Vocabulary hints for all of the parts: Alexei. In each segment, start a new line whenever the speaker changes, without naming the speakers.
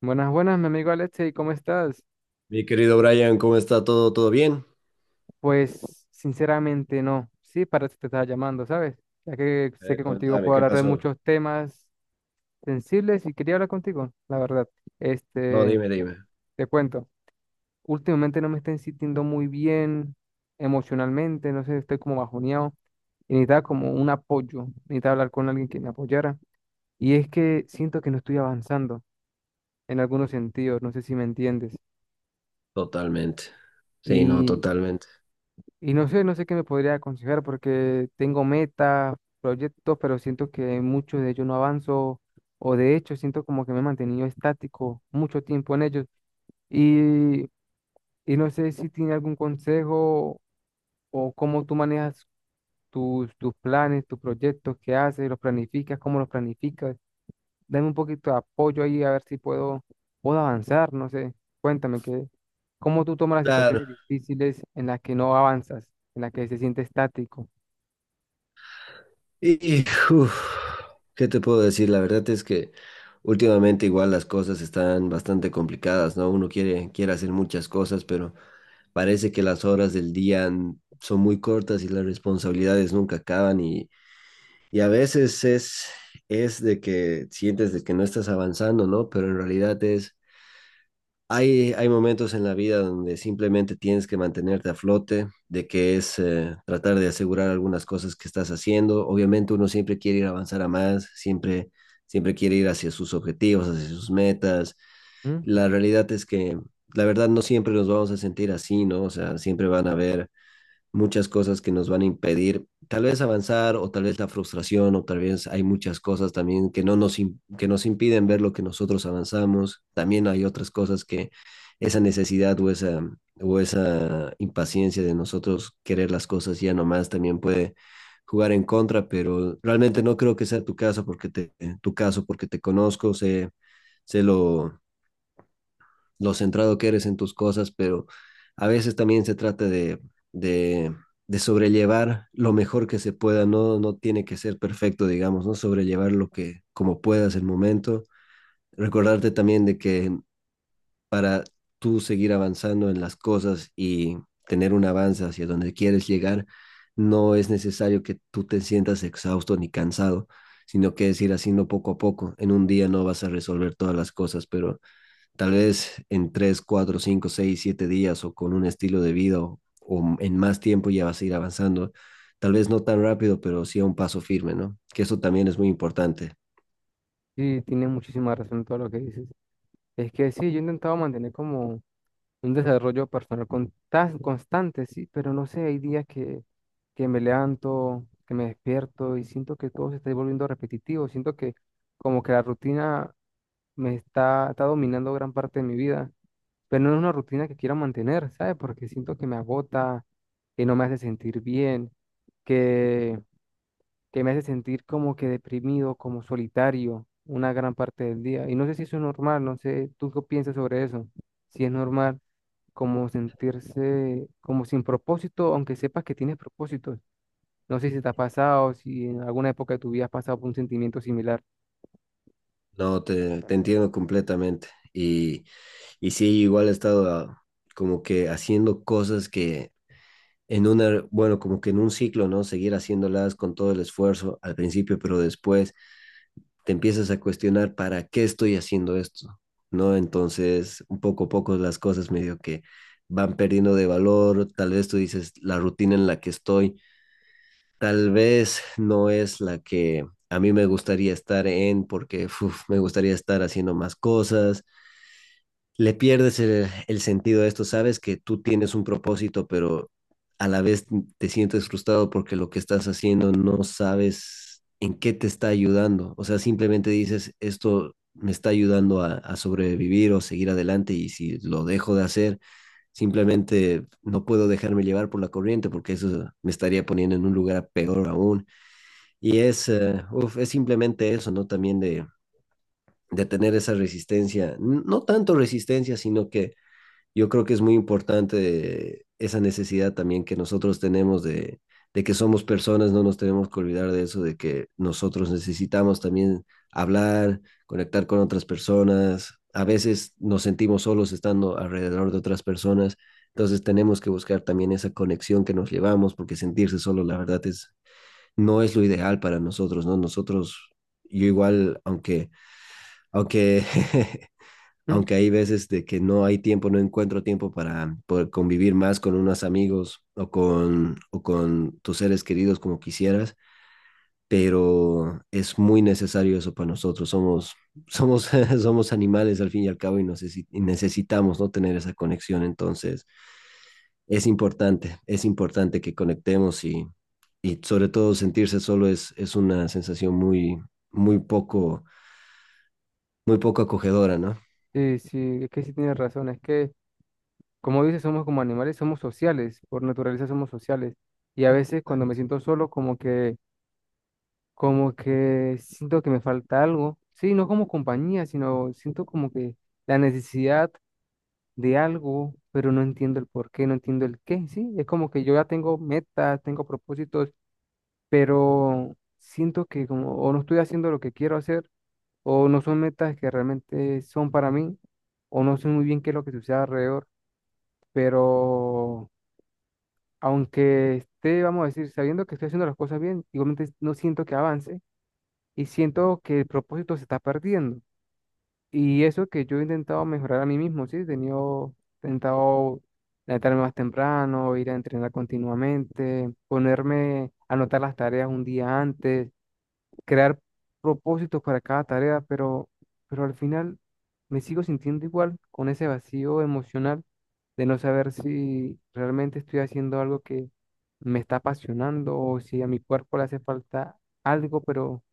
Buenas, buenas, mi amigo Alexei, ¿cómo estás?
Mi querido Brian, ¿cómo está todo? ¿Todo bien?
Pues sinceramente no, sí, para eso te estaba llamando, ¿sabes? Ya que sé que contigo
Contame,
puedo
¿qué
hablar de
pasó?
muchos temas sensibles y quería hablar contigo, la verdad.
No,
Este,
dime.
te cuento, últimamente no me estoy sintiendo muy bien emocionalmente, no sé, estoy como bajoneado y necesitaba como un apoyo, necesitaba hablar con alguien que me apoyara. Y es que siento que no estoy avanzando en algunos sentidos, no sé si me entiendes.
Totalmente. Sí, no,
Y
totalmente.
Y no sé, no sé qué me podría aconsejar porque tengo metas, proyectos, pero siento que en muchos de ellos no avanzo o de hecho siento como que me he mantenido estático mucho tiempo en ellos. Y, y no sé si tiene algún consejo o cómo tú manejas tus planes, tus proyectos, qué haces, los planificas, cómo los planificas. Dame un poquito de apoyo ahí a ver si puedo avanzar, no sé. Cuéntame que, ¿cómo tú tomas las
Claro.
situaciones difíciles en las que no avanzas, en las que se siente estático?
Y, uf, ¿Qué te puedo decir? La verdad es que últimamente igual las cosas están bastante complicadas, ¿no? Uno quiere hacer muchas cosas, pero parece que las horas del día son muy cortas y las responsabilidades nunca acaban y a veces es de que sientes de que no estás avanzando, ¿no? Pero en realidad es... Hay momentos en la vida donde simplemente tienes que mantenerte a flote, de que es tratar de asegurar algunas cosas que estás haciendo. Obviamente uno siempre quiere ir a avanzar a más, siempre quiere ir hacia sus objetivos, hacia sus metas.
¿Mm?
La realidad es la verdad, no siempre nos vamos a sentir así, ¿no? O sea, siempre van a haber muchas cosas que nos van a impedir tal vez avanzar o tal vez la frustración o tal vez hay muchas cosas también que no que nos impiden ver lo que nosotros avanzamos. También hay otras cosas que esa necesidad o esa impaciencia de nosotros querer las cosas ya nomás también puede jugar en contra, pero realmente no creo que sea tu caso tu caso porque te conozco, sé lo centrado que eres en tus cosas, pero a veces también se trata de, de sobrellevar lo mejor que se pueda, no, no tiene que ser perfecto, digamos, ¿no? Sobrellevar como puedas el momento. Recordarte también de que para tú seguir avanzando en las cosas y tener un avance hacia donde quieres llegar, no es necesario que tú te sientas exhausto ni cansado, sino que es ir haciendo poco a poco. En un día no vas a resolver todas las cosas, pero tal vez en 3 4 5 6 7 días o con un estilo de vida o en más tiempo ya vas a ir avanzando. Tal vez no tan rápido, pero sí a un paso firme, ¿no? Que eso también es muy importante.
Y tienes muchísima razón todo lo que dices. Es que sí, yo he intentado mantener como un desarrollo personal con- tan constante, sí, pero no sé, hay días que me levanto, que me despierto y siento que todo se está volviendo repetitivo, siento que como que la rutina me está, está dominando gran parte de mi vida pero no es una rutina que quiero mantener, ¿sabes? Porque siento que me agota, que no me hace sentir bien, que, que me hace sentir como que deprimido, como solitario una gran parte del día. Y no sé si eso es normal, no sé, ¿tú qué piensas sobre eso? Si es normal como sentirse como sin propósito, aunque sepas que tienes propósitos. No sé si te ha pasado, si en alguna época de tu vida has pasado por un sentimiento similar.
No, te entiendo completamente. Y, y sí, igual he estado como que haciendo cosas que en como que en un ciclo, ¿no? Seguir haciéndolas con todo el esfuerzo al principio, pero después te empiezas a cuestionar para qué estoy haciendo esto, ¿no? Entonces, un poco a poco las cosas medio que van perdiendo de valor, tal vez tú dices, la rutina en la que estoy, tal vez no es la que a mí me gustaría estar en, porque uf, me gustaría estar haciendo más cosas, le pierdes el sentido a esto. Sabes que tú tienes un propósito, pero a la vez te sientes frustrado porque lo que estás haciendo no sabes en qué te está ayudando. O sea, simplemente dices, esto me está ayudando a sobrevivir o seguir adelante y si lo dejo de hacer, simplemente no puedo dejarme llevar por la corriente porque eso me estaría poniendo en un lugar peor aún. Y es, es simplemente eso, ¿no? También de tener esa resistencia, no tanto resistencia, sino que yo creo que es muy importante esa necesidad también que nosotros tenemos de que somos personas, no nos tenemos que olvidar de eso, de que nosotros necesitamos también hablar, conectar con otras personas. A veces nos sentimos solos estando alrededor de otras personas, entonces tenemos que buscar también esa conexión que nos llevamos, porque sentirse solo, la verdad, es, no es lo ideal para nosotros, ¿no? Nosotros, yo igual, aunque
¿Mm?
aunque hay veces de que no hay tiempo, no encuentro tiempo para poder convivir más con unos amigos o con tus seres queridos como quisieras, pero es muy necesario eso para nosotros. Somos, somos animales al fin y al cabo y, necesitamos no tener esa conexión. Entonces, es importante que conectemos y sobre todo sentirse solo es una sensación muy muy poco acogedora, ¿no?
Sí, sí, es que sí tienes razón, es que... Como dices, somos como animales, somos sociales, por naturaleza somos sociales. Y a veces cuando me
Exacto.
siento solo, como que siento que me falta algo. Sí, no como compañía, sino siento como que la necesidad de algo, pero no entiendo el por qué, no entiendo el qué. Sí, es como que yo ya tengo metas, tengo propósitos, pero siento que como o no estoy haciendo lo que quiero hacer, o no son metas que realmente son para mí, o no sé muy bien qué es lo que sucede alrededor, pero aunque esté, vamos a decir, sabiendo que estoy haciendo las cosas bien, igualmente no siento que avance y siento que el propósito se está perdiendo. Y eso que yo he intentado mejorar a mí mismo, ¿sí? He tenido, intentado levantarme más temprano, ir a entrenar continuamente, ponerme, a anotar las tareas un día antes, crear propósitos para cada tarea, pero al final me sigo sintiendo igual con ese vacío emocional de no saber si realmente estoy haciendo algo que me está apasionando o si a mi cuerpo le hace falta algo, pero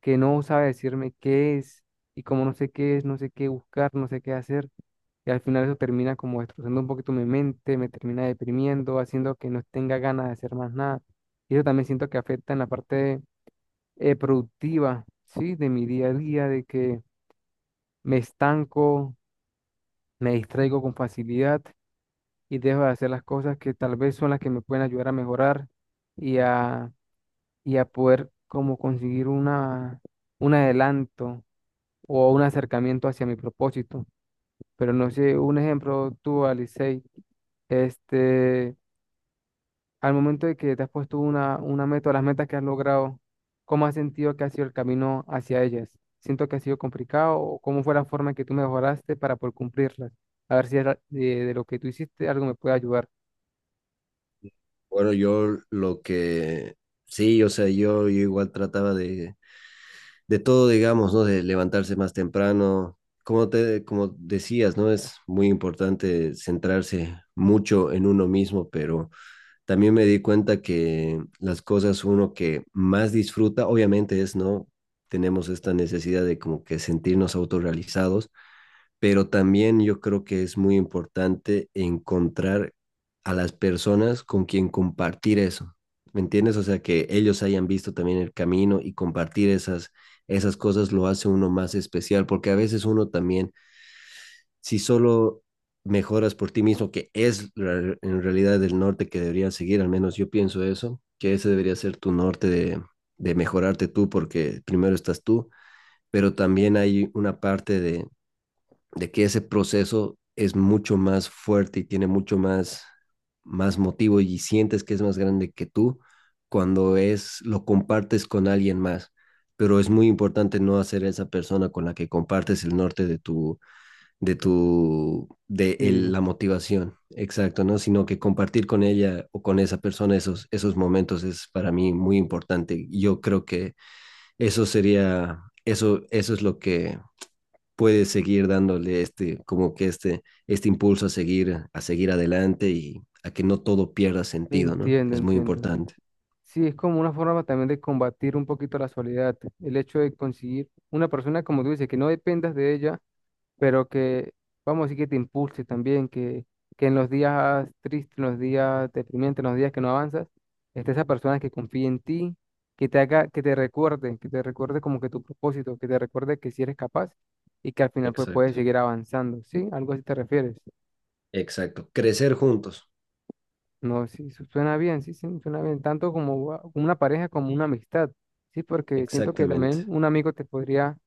que no sabe decirme qué es. Y como no sé qué es, no sé qué buscar, no sé qué hacer. Y al final eso termina como destrozando un poquito mi mente, me termina deprimiendo, haciendo que no tenga ganas de hacer más nada. Y eso también siento que afecta en la parte productiva, ¿sí? De mi día a día, de que me estanco, me distraigo con facilidad y dejo de hacer las cosas que tal vez son las que me pueden ayudar a mejorar y a, y a poder como conseguir una, un adelanto o un acercamiento hacia mi propósito. Pero no sé, un ejemplo, tú, Alice, este, al momento de que te has puesto una meta, o las metas que has logrado, ¿cómo has sentido que ha sido el camino hacia ellas? ¿Siento que ha sido complicado o cómo fue la forma en que tú mejoraste para poder cumplirlas? A ver si era- de lo que tú hiciste algo me puede ayudar.
Bueno, yo lo que sí, o sea, yo igual trataba de todo, digamos, ¿no? De levantarse más temprano. Como como decías, ¿no? Es muy importante centrarse mucho en uno mismo, pero también me di cuenta que las cosas uno que más disfruta, obviamente es, ¿no? Tenemos esta necesidad de como que sentirnos autorrealizados, pero también yo creo que es muy importante encontrar a las personas con quien compartir eso, ¿me entiendes? O sea, que ellos hayan visto también el camino y compartir esas cosas lo hace uno más especial, porque a veces uno también, si solo mejoras por ti mismo, que es en realidad el norte que deberías seguir, al menos yo pienso eso, que ese debería ser tu norte de mejorarte tú, porque primero estás tú, pero también hay una parte de que ese proceso es mucho más fuerte y tiene mucho más motivo y sientes que es más grande que tú cuando es lo compartes con alguien más. Pero es muy importante no hacer esa persona con la que compartes el norte de
Sí.
la motivación, exacto, ¿no? Sino que compartir con ella o con esa persona esos momentos es para mí muy importante. Yo creo que eso sería, eso es lo que puede seguir dándole este impulso a seguir adelante y a que no todo pierda sentido, ¿no?
Entiendo,
Es muy
entiendo.
importante.
Sí, es como una forma también de combatir un poquito la soledad. El hecho de conseguir una persona, como tú dices, que no dependas de ella, pero que, vamos a decir, que te impulse también, que en los días tristes, en los días deprimentes, en los días que no avanzas, esté esa persona que confíe en ti, que te haga, que te recuerde como que tu propósito, que te recuerde que si eres capaz y que al final pues
Exacto,
puedes seguir avanzando. ¿Sí? Algo así te refieres.
exacto. Crecer juntos,
No, sí, su- suena bien, sí, sí, suena bien, tanto como va- una pareja como una amistad, sí, porque siento que
exactamente.
también un amigo te podría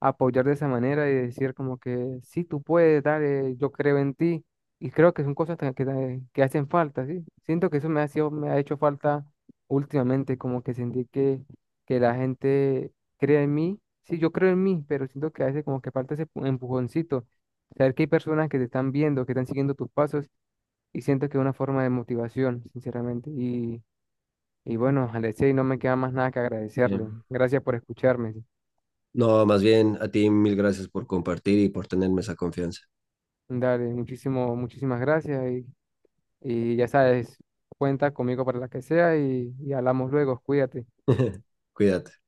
apoyar de esa manera y decir como que sí, tú puedes, dale, yo creo en ti, y creo que son cosas ta- que hacen falta, sí, siento que eso me ha sido, me ha hecho falta últimamente, como que sentí que la gente cree en mí, sí, yo creo en mí, pero siento que a veces como que falta ese pu- empujoncito, saber que hay personas que te están viendo, que están siguiendo tus pasos y siento que es una forma de motivación, sinceramente. Y bueno, Alexei, no me queda más nada que
Eh,
agradecerle. Gracias por escucharme.
no, más bien a ti mil gracias por compartir y por tenerme esa confianza.
Dale, muchísimo, muchísimas gracias. Y ya sabes, cuenta conmigo para la que sea y hablamos luego. Cuídate.
Cuídate.